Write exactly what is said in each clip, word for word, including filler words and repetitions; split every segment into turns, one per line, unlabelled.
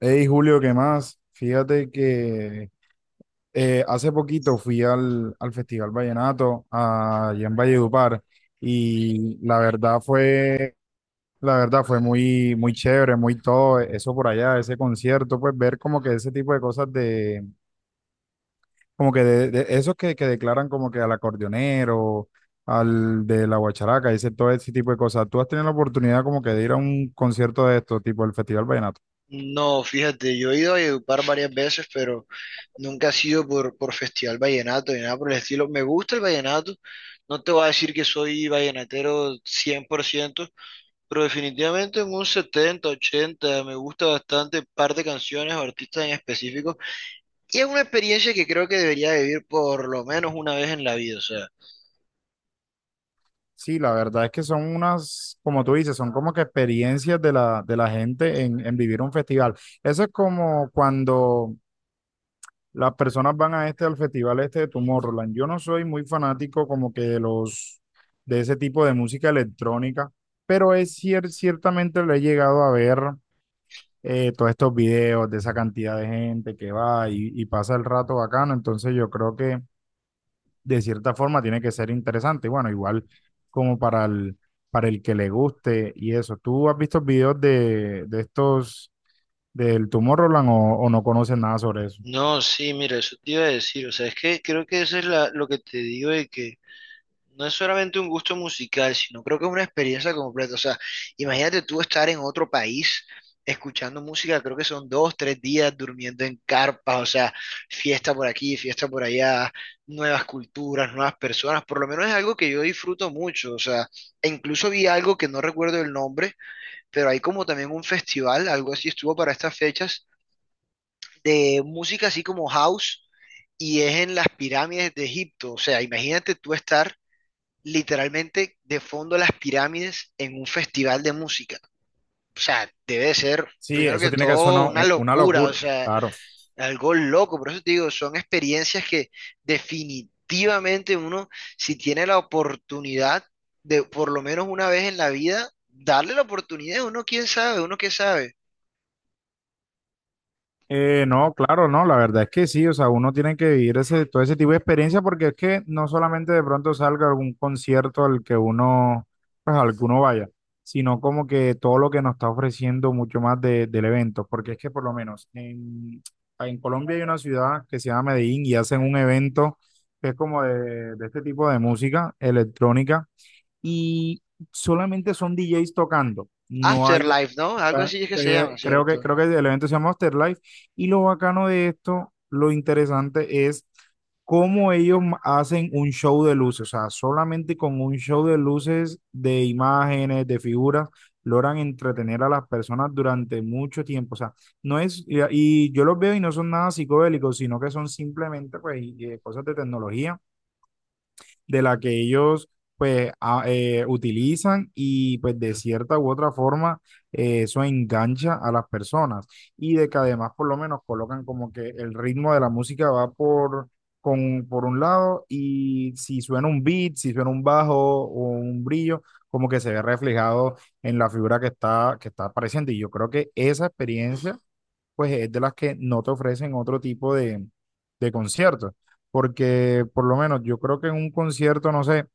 Hey Julio, ¿qué más? Fíjate que eh, hace poquito fui al, al Festival Vallenato ah, allá en Valledupar y la verdad fue, la verdad fue muy, muy chévere, muy todo eso por allá, ese concierto, pues ver como que ese tipo de cosas de, como que de, de esos que, que declaran como que al acordeonero, al de la guacharaca, ese, todo ese tipo de cosas. ¿Tú has tenido la oportunidad como que de ir a un concierto de esto, tipo el Festival Vallenato?
No, fíjate, yo he ido a Edupar varias veces, pero nunca ha sido por, por Festival Vallenato ni nada por el estilo. Me gusta el vallenato, no te voy a decir que soy vallenatero cien por ciento pero definitivamente en un setenta ochenta me gusta bastante par de canciones o artistas en específico. Y es una experiencia que creo que debería vivir por lo menos una vez en la vida, o sea.
Sí, la verdad es que son unas, como tú dices, son como que experiencias de la, de la gente en, en vivir un festival. Eso es como cuando las personas van a este, al festival este de Tomorrowland. Yo no soy muy fanático como que de los, de ese tipo de música electrónica, pero es cier- ciertamente le he llegado a ver eh, todos estos videos de esa cantidad de gente que va y, y pasa el rato bacano. Entonces yo creo que de cierta forma tiene que ser interesante. Y bueno, igual como para el, para el que le guste y eso. ¿Tú has visto videos de, de estos del Tomorrowland o, o no conoces nada sobre eso?
No, sí, mira, eso te iba a decir, o sea, es que creo que eso es la, lo que te digo de que no es solamente un gusto musical, sino creo que es una experiencia completa. O sea, imagínate tú estar en otro país escuchando música, creo que son dos, tres días durmiendo en carpas, o sea, fiesta por aquí, fiesta por allá, nuevas culturas, nuevas personas. Por lo menos es algo que yo disfruto mucho. O sea, e incluso vi algo que no recuerdo el nombre, pero hay como también un festival, algo así estuvo para estas fechas, de música así como house. Y es en las pirámides de Egipto. O sea, imagínate tú estar literalmente de fondo las pirámides en un festival de música. Debe de ser,
Sí,
primero
eso
que
tiene que ser
todo,
una,
una
una
locura, o
locura,
sea,
claro.
algo loco. Por eso te digo, son experiencias que definitivamente uno, si tiene la oportunidad de por lo menos una vez en la vida, darle la oportunidad, uno quién sabe, uno qué sabe.
Eh, no, claro, no, la verdad es que sí, o sea, uno tiene que vivir ese, todo ese tipo de experiencia porque es que no solamente de pronto salga algún concierto al que uno, pues al que uno vaya, sino como que todo lo que nos está ofreciendo mucho más de- del evento, porque es que por lo menos en, en Colombia hay una ciudad que se llama Medellín y hacen un evento que es como de, de este tipo de música electrónica y solamente son D Jays tocando, no hay
Afterlife, ¿no? Algo
Ah,
así es que se
eh,
llama,
Creo que,
¿cierto?
creo que el evento se llama Afterlife y lo bacano de esto, lo interesante es cómo ellos ma- hacen un show de luces, o sea, solamente con un show de luces, de imágenes, de figuras, logran entretener a las personas durante mucho tiempo, o sea, no es, y, y yo los veo y no son nada psicodélicos, sino que son simplemente pues y- eh, cosas de tecnología de la que ellos pues a- eh, utilizan y pues de cierta u otra forma eh, eso engancha a las personas y de que además por lo menos colocan como que el ritmo de la música va por, con, por un lado y si suena un beat, si suena un bajo o un brillo, como que se ve reflejado en la figura que está, que está apareciendo y yo creo que esa experiencia pues es de las que no te ofrecen otro tipo de, de conciertos. Porque por lo menos yo creo que en un concierto, no sé,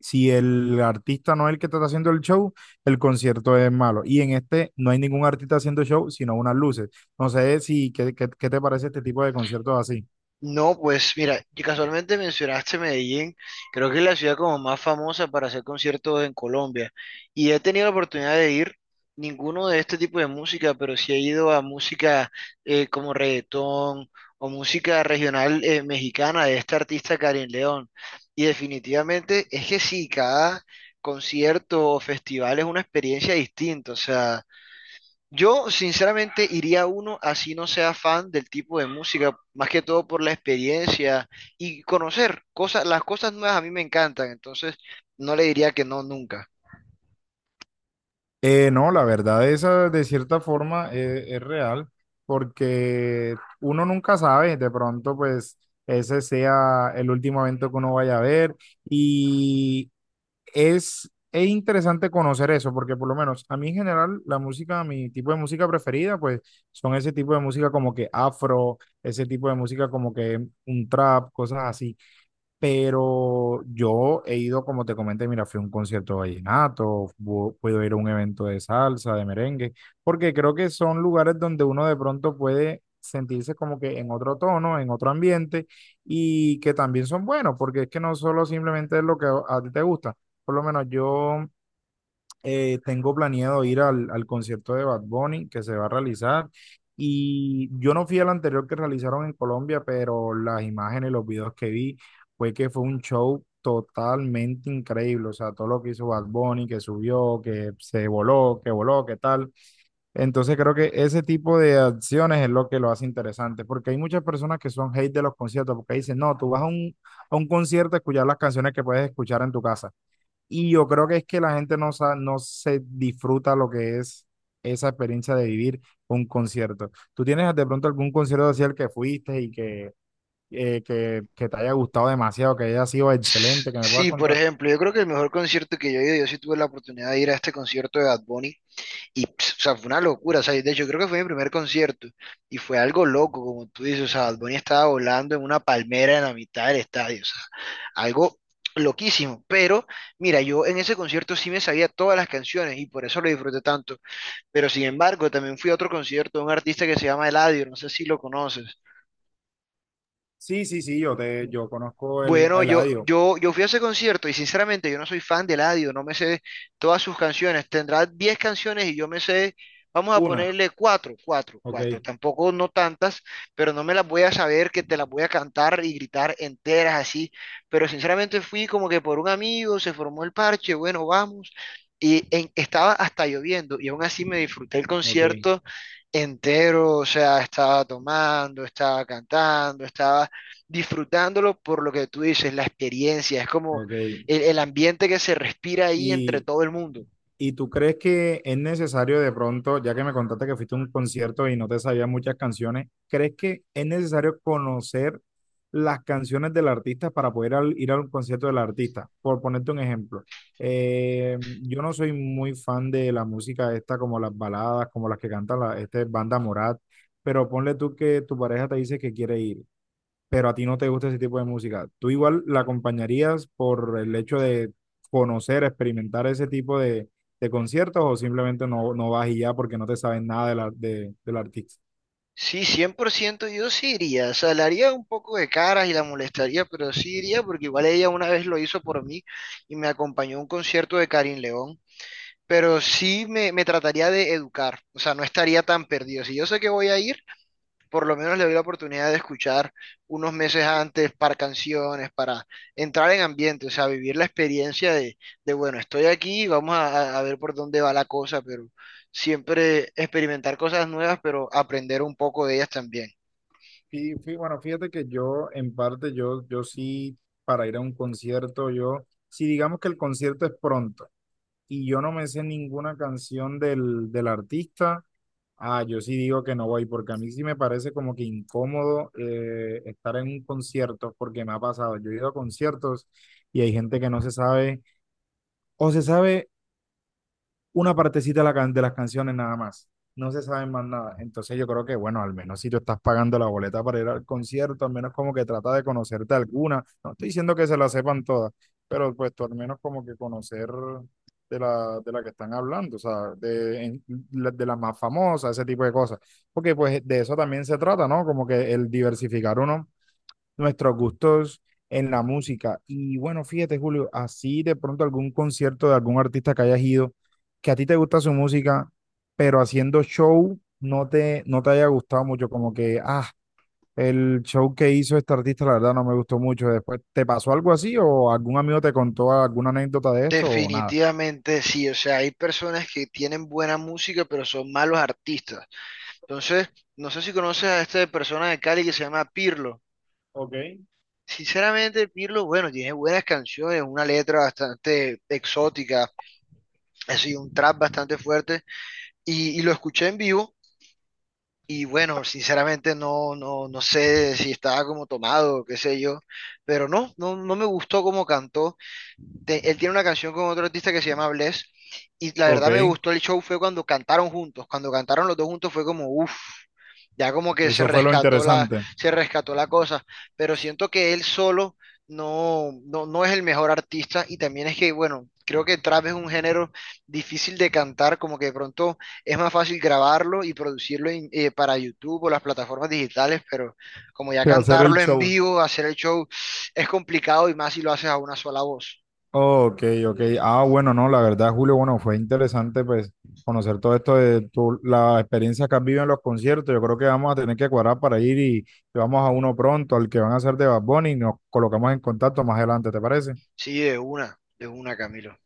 si el artista no es el que te está haciendo el show, el concierto es malo. Y en este no hay ningún artista haciendo show, sino unas luces. No sé si, ¿qué, qué- qué te parece este tipo de conciertos así?
No, pues mira, y casualmente mencionaste Medellín, creo que es la ciudad como más famosa para hacer conciertos en Colombia y he tenido la oportunidad de ir ninguno de este tipo de música, pero sí he ido a música eh, como reggaetón o música regional eh, mexicana de esta artista Karin León y definitivamente es que sí, cada concierto o festival es una experiencia distinta, o sea... Yo sinceramente iría a uno así no sea fan del tipo de música, más que todo por la experiencia y conocer cosas, las cosas nuevas a mí me encantan, entonces no le diría que no nunca.
Eh, no, la verdad, esa de cierta forma eh, es real, porque uno nunca sabe, de pronto, pues ese sea el último evento que uno vaya a ver. Y es, es interesante conocer eso, porque por lo menos a mí en general la música, mi tipo de música preferida, pues son ese tipo de música como que afro, ese tipo de música como que un trap, cosas así. Pero yo he ido, como te comenté, mira, fui a un concierto de vallenato, pu- puedo ir a un evento de salsa, de merengue, porque creo que son lugares donde uno de pronto puede sentirse como que en otro tono, en otro ambiente, y que también son buenos, porque es que no solo simplemente es lo que a a ti te gusta. Por lo menos yo eh, tengo planeado ir al, al concierto de Bad Bunny que se va a realizar. Y yo no fui al anterior que realizaron en Colombia, pero las imágenes, los videos que vi, fue que fue un show totalmente increíble. O sea, todo lo que hizo Bad Bunny, que subió, que se voló, que voló, que tal. Entonces creo que ese tipo de acciones es lo que lo hace interesante, porque hay muchas personas que son hate de los conciertos, porque dicen, no, tú vas a un, a un concierto a escuchar las canciones que puedes escuchar en tu casa. Y yo creo que es que la gente no, sa- no se disfruta lo que es esa experiencia de vivir un concierto. ¿Tú tienes de pronto algún concierto así al que fuiste y que, eh, que, que te haya gustado demasiado, que haya sido
S-
excelente, que me puedas
Sí, por
contar?
ejemplo, yo creo que el mejor concierto que yo he ido, yo sí tuve la oportunidad de ir a este concierto de Bad Bunny. Y, pss, o sea, fue una locura, o sea, de hecho creo que fue mi primer concierto y fue algo loco, como tú dices, o sea, Bad Bunny estaba volando en una palmera en la mitad del estadio, o sea, algo loquísimo, pero mira, yo en ese concierto sí me sabía todas las canciones y por eso lo disfruté tanto, pero sin embargo también fui a otro concierto de un artista que se llama Eladio, no sé si lo conoces.
Sí, sí, sí, yo te, yo conozco el a
Bueno, yo,
Eladio.
yo, yo fui a ese concierto y sinceramente yo no soy fan de Eladio, no me sé todas sus canciones. Tendrá diez canciones y yo me sé, vamos a
Una.
ponerle cuatro, cuatro, cuatro.
Ok,
Tampoco no tantas, pero no me las voy a saber que te las voy a cantar y gritar enteras así. Pero sinceramente fui como que por un amigo, se formó el parche, bueno, vamos. Y en- estaba hasta lloviendo y aún así me disfruté el
ok,
concierto entero, o sea, estaba tomando, estaba cantando, estaba disfrutándolo por lo que tú dices, la experiencia, es como
ok.
el, el ambiente que se respira ahí entre
Y,
todo el mundo.
¿y tú crees que es necesario de pronto, ya que me contaste que fuiste a un concierto y no te sabías muchas canciones, ¿crees que es necesario conocer las canciones del artista para poder al- ir a un concierto del artista? Por ponerte un ejemplo, eh, yo no soy muy fan de la música esta, como las baladas, como las que canta la este, banda Morat, pero ponle tú que tu pareja te dice que quiere ir pero a ti no te gusta ese tipo de música, ¿tú igual la acompañarías por el hecho de conocer, experimentar ese tipo de, de conciertos o simplemente no, no vas y ya porque no te sabes nada de la, de, del artista?
Sí, cien por ciento yo sí iría, o sea, le haría un poco de caras y la molestaría, pero sí iría porque igual ella una vez lo hizo por mí y me acompañó a un concierto de Karin León, pero sí me, me trataría de educar, o sea, no estaría tan perdido. Si yo sé que voy a ir, por lo menos le doy la oportunidad de escuchar unos meses antes para canciones, para entrar en ambiente, o sea, vivir la experiencia de, de bueno, estoy aquí, vamos a, a ver por dónde va la cosa, pero siempre experimentar cosas nuevas, pero aprender un poco de ellas también.
Y fí- bueno, fíjate que yo, en parte, yo, yo sí, para ir a un concierto, yo, si digamos que el concierto es pronto y yo no me sé ninguna canción del, del artista, ah, yo sí digo que no voy, porque a mí sí me parece como que incómodo eh, estar en un concierto, porque me ha pasado. Yo he ido a conciertos y hay gente que no se sabe, o se sabe una partecita de, la can- de las canciones nada más. No se sabe más nada. Entonces yo creo que, bueno, al menos si tú estás pagando la boleta para ir al concierto, al menos como que trata de conocerte alguna. No estoy diciendo que se la sepan todas, pero pues tú al menos como que conocer de la, de la que están hablando, o sea, de, en- la- de la más famosa, ese tipo de cosas. Porque pues de eso también se trata, ¿no? Como que el diversificar uno nuestros gustos en la música. Y bueno, fíjate, Julio, así de pronto algún concierto de algún artista que hayas ido, que a ti te gusta su música, pero haciendo show no te, no te haya gustado mucho, como que, ah, el show que hizo este artista, la verdad no me gustó mucho. Después, ¿te pasó algo así o algún amigo te contó alguna anécdota de esto o nada?
Definitivamente sí, o sea, hay personas que tienen buena música, pero son malos artistas. Entonces, no sé si conoces a esta persona de Cali que se llama Pirlo.
Ok.
Sinceramente, Pirlo, bueno, tiene buenas canciones, una letra bastante exótica, ha sido un trap bastante fuerte y, y lo escuché en vivo y bueno, sinceramente no, no, no sé si estaba como tomado, o qué sé yo, pero no, no, no me gustó cómo cantó te- él tiene una canción con otro artista que se llama Bless. Y la
Ok,
verdad me gustó el show fue cuando cantaron juntos. Cuando cantaron los dos juntos fue como, uff, ya como que se
eso fue lo
rescató la,
interesante,
se rescató la cosa. Pero siento que él solo no, no, no es el mejor artista. Y también es que, bueno, creo que trap es un género difícil de cantar, como que de pronto es más fácil grabarlo y producirlo en- eh, para YouTube o las plataformas digitales, pero como ya
que hacer el
cantarlo en
show.
vivo, hacer el show, es complicado y más si lo haces a una sola voz.
Ok, ok. Ah, bueno, no, la verdad, Julio, bueno, fue interesante pues conocer todo esto de tu, la experiencia que has vivido en los conciertos. Yo creo que vamos a tener que cuadrar para ir y, y vamos a uno pronto, al que van a hacer de Bad Bunny, y nos colocamos en contacto más adelante, ¿te parece?
Sí, de una, de una, Camilo.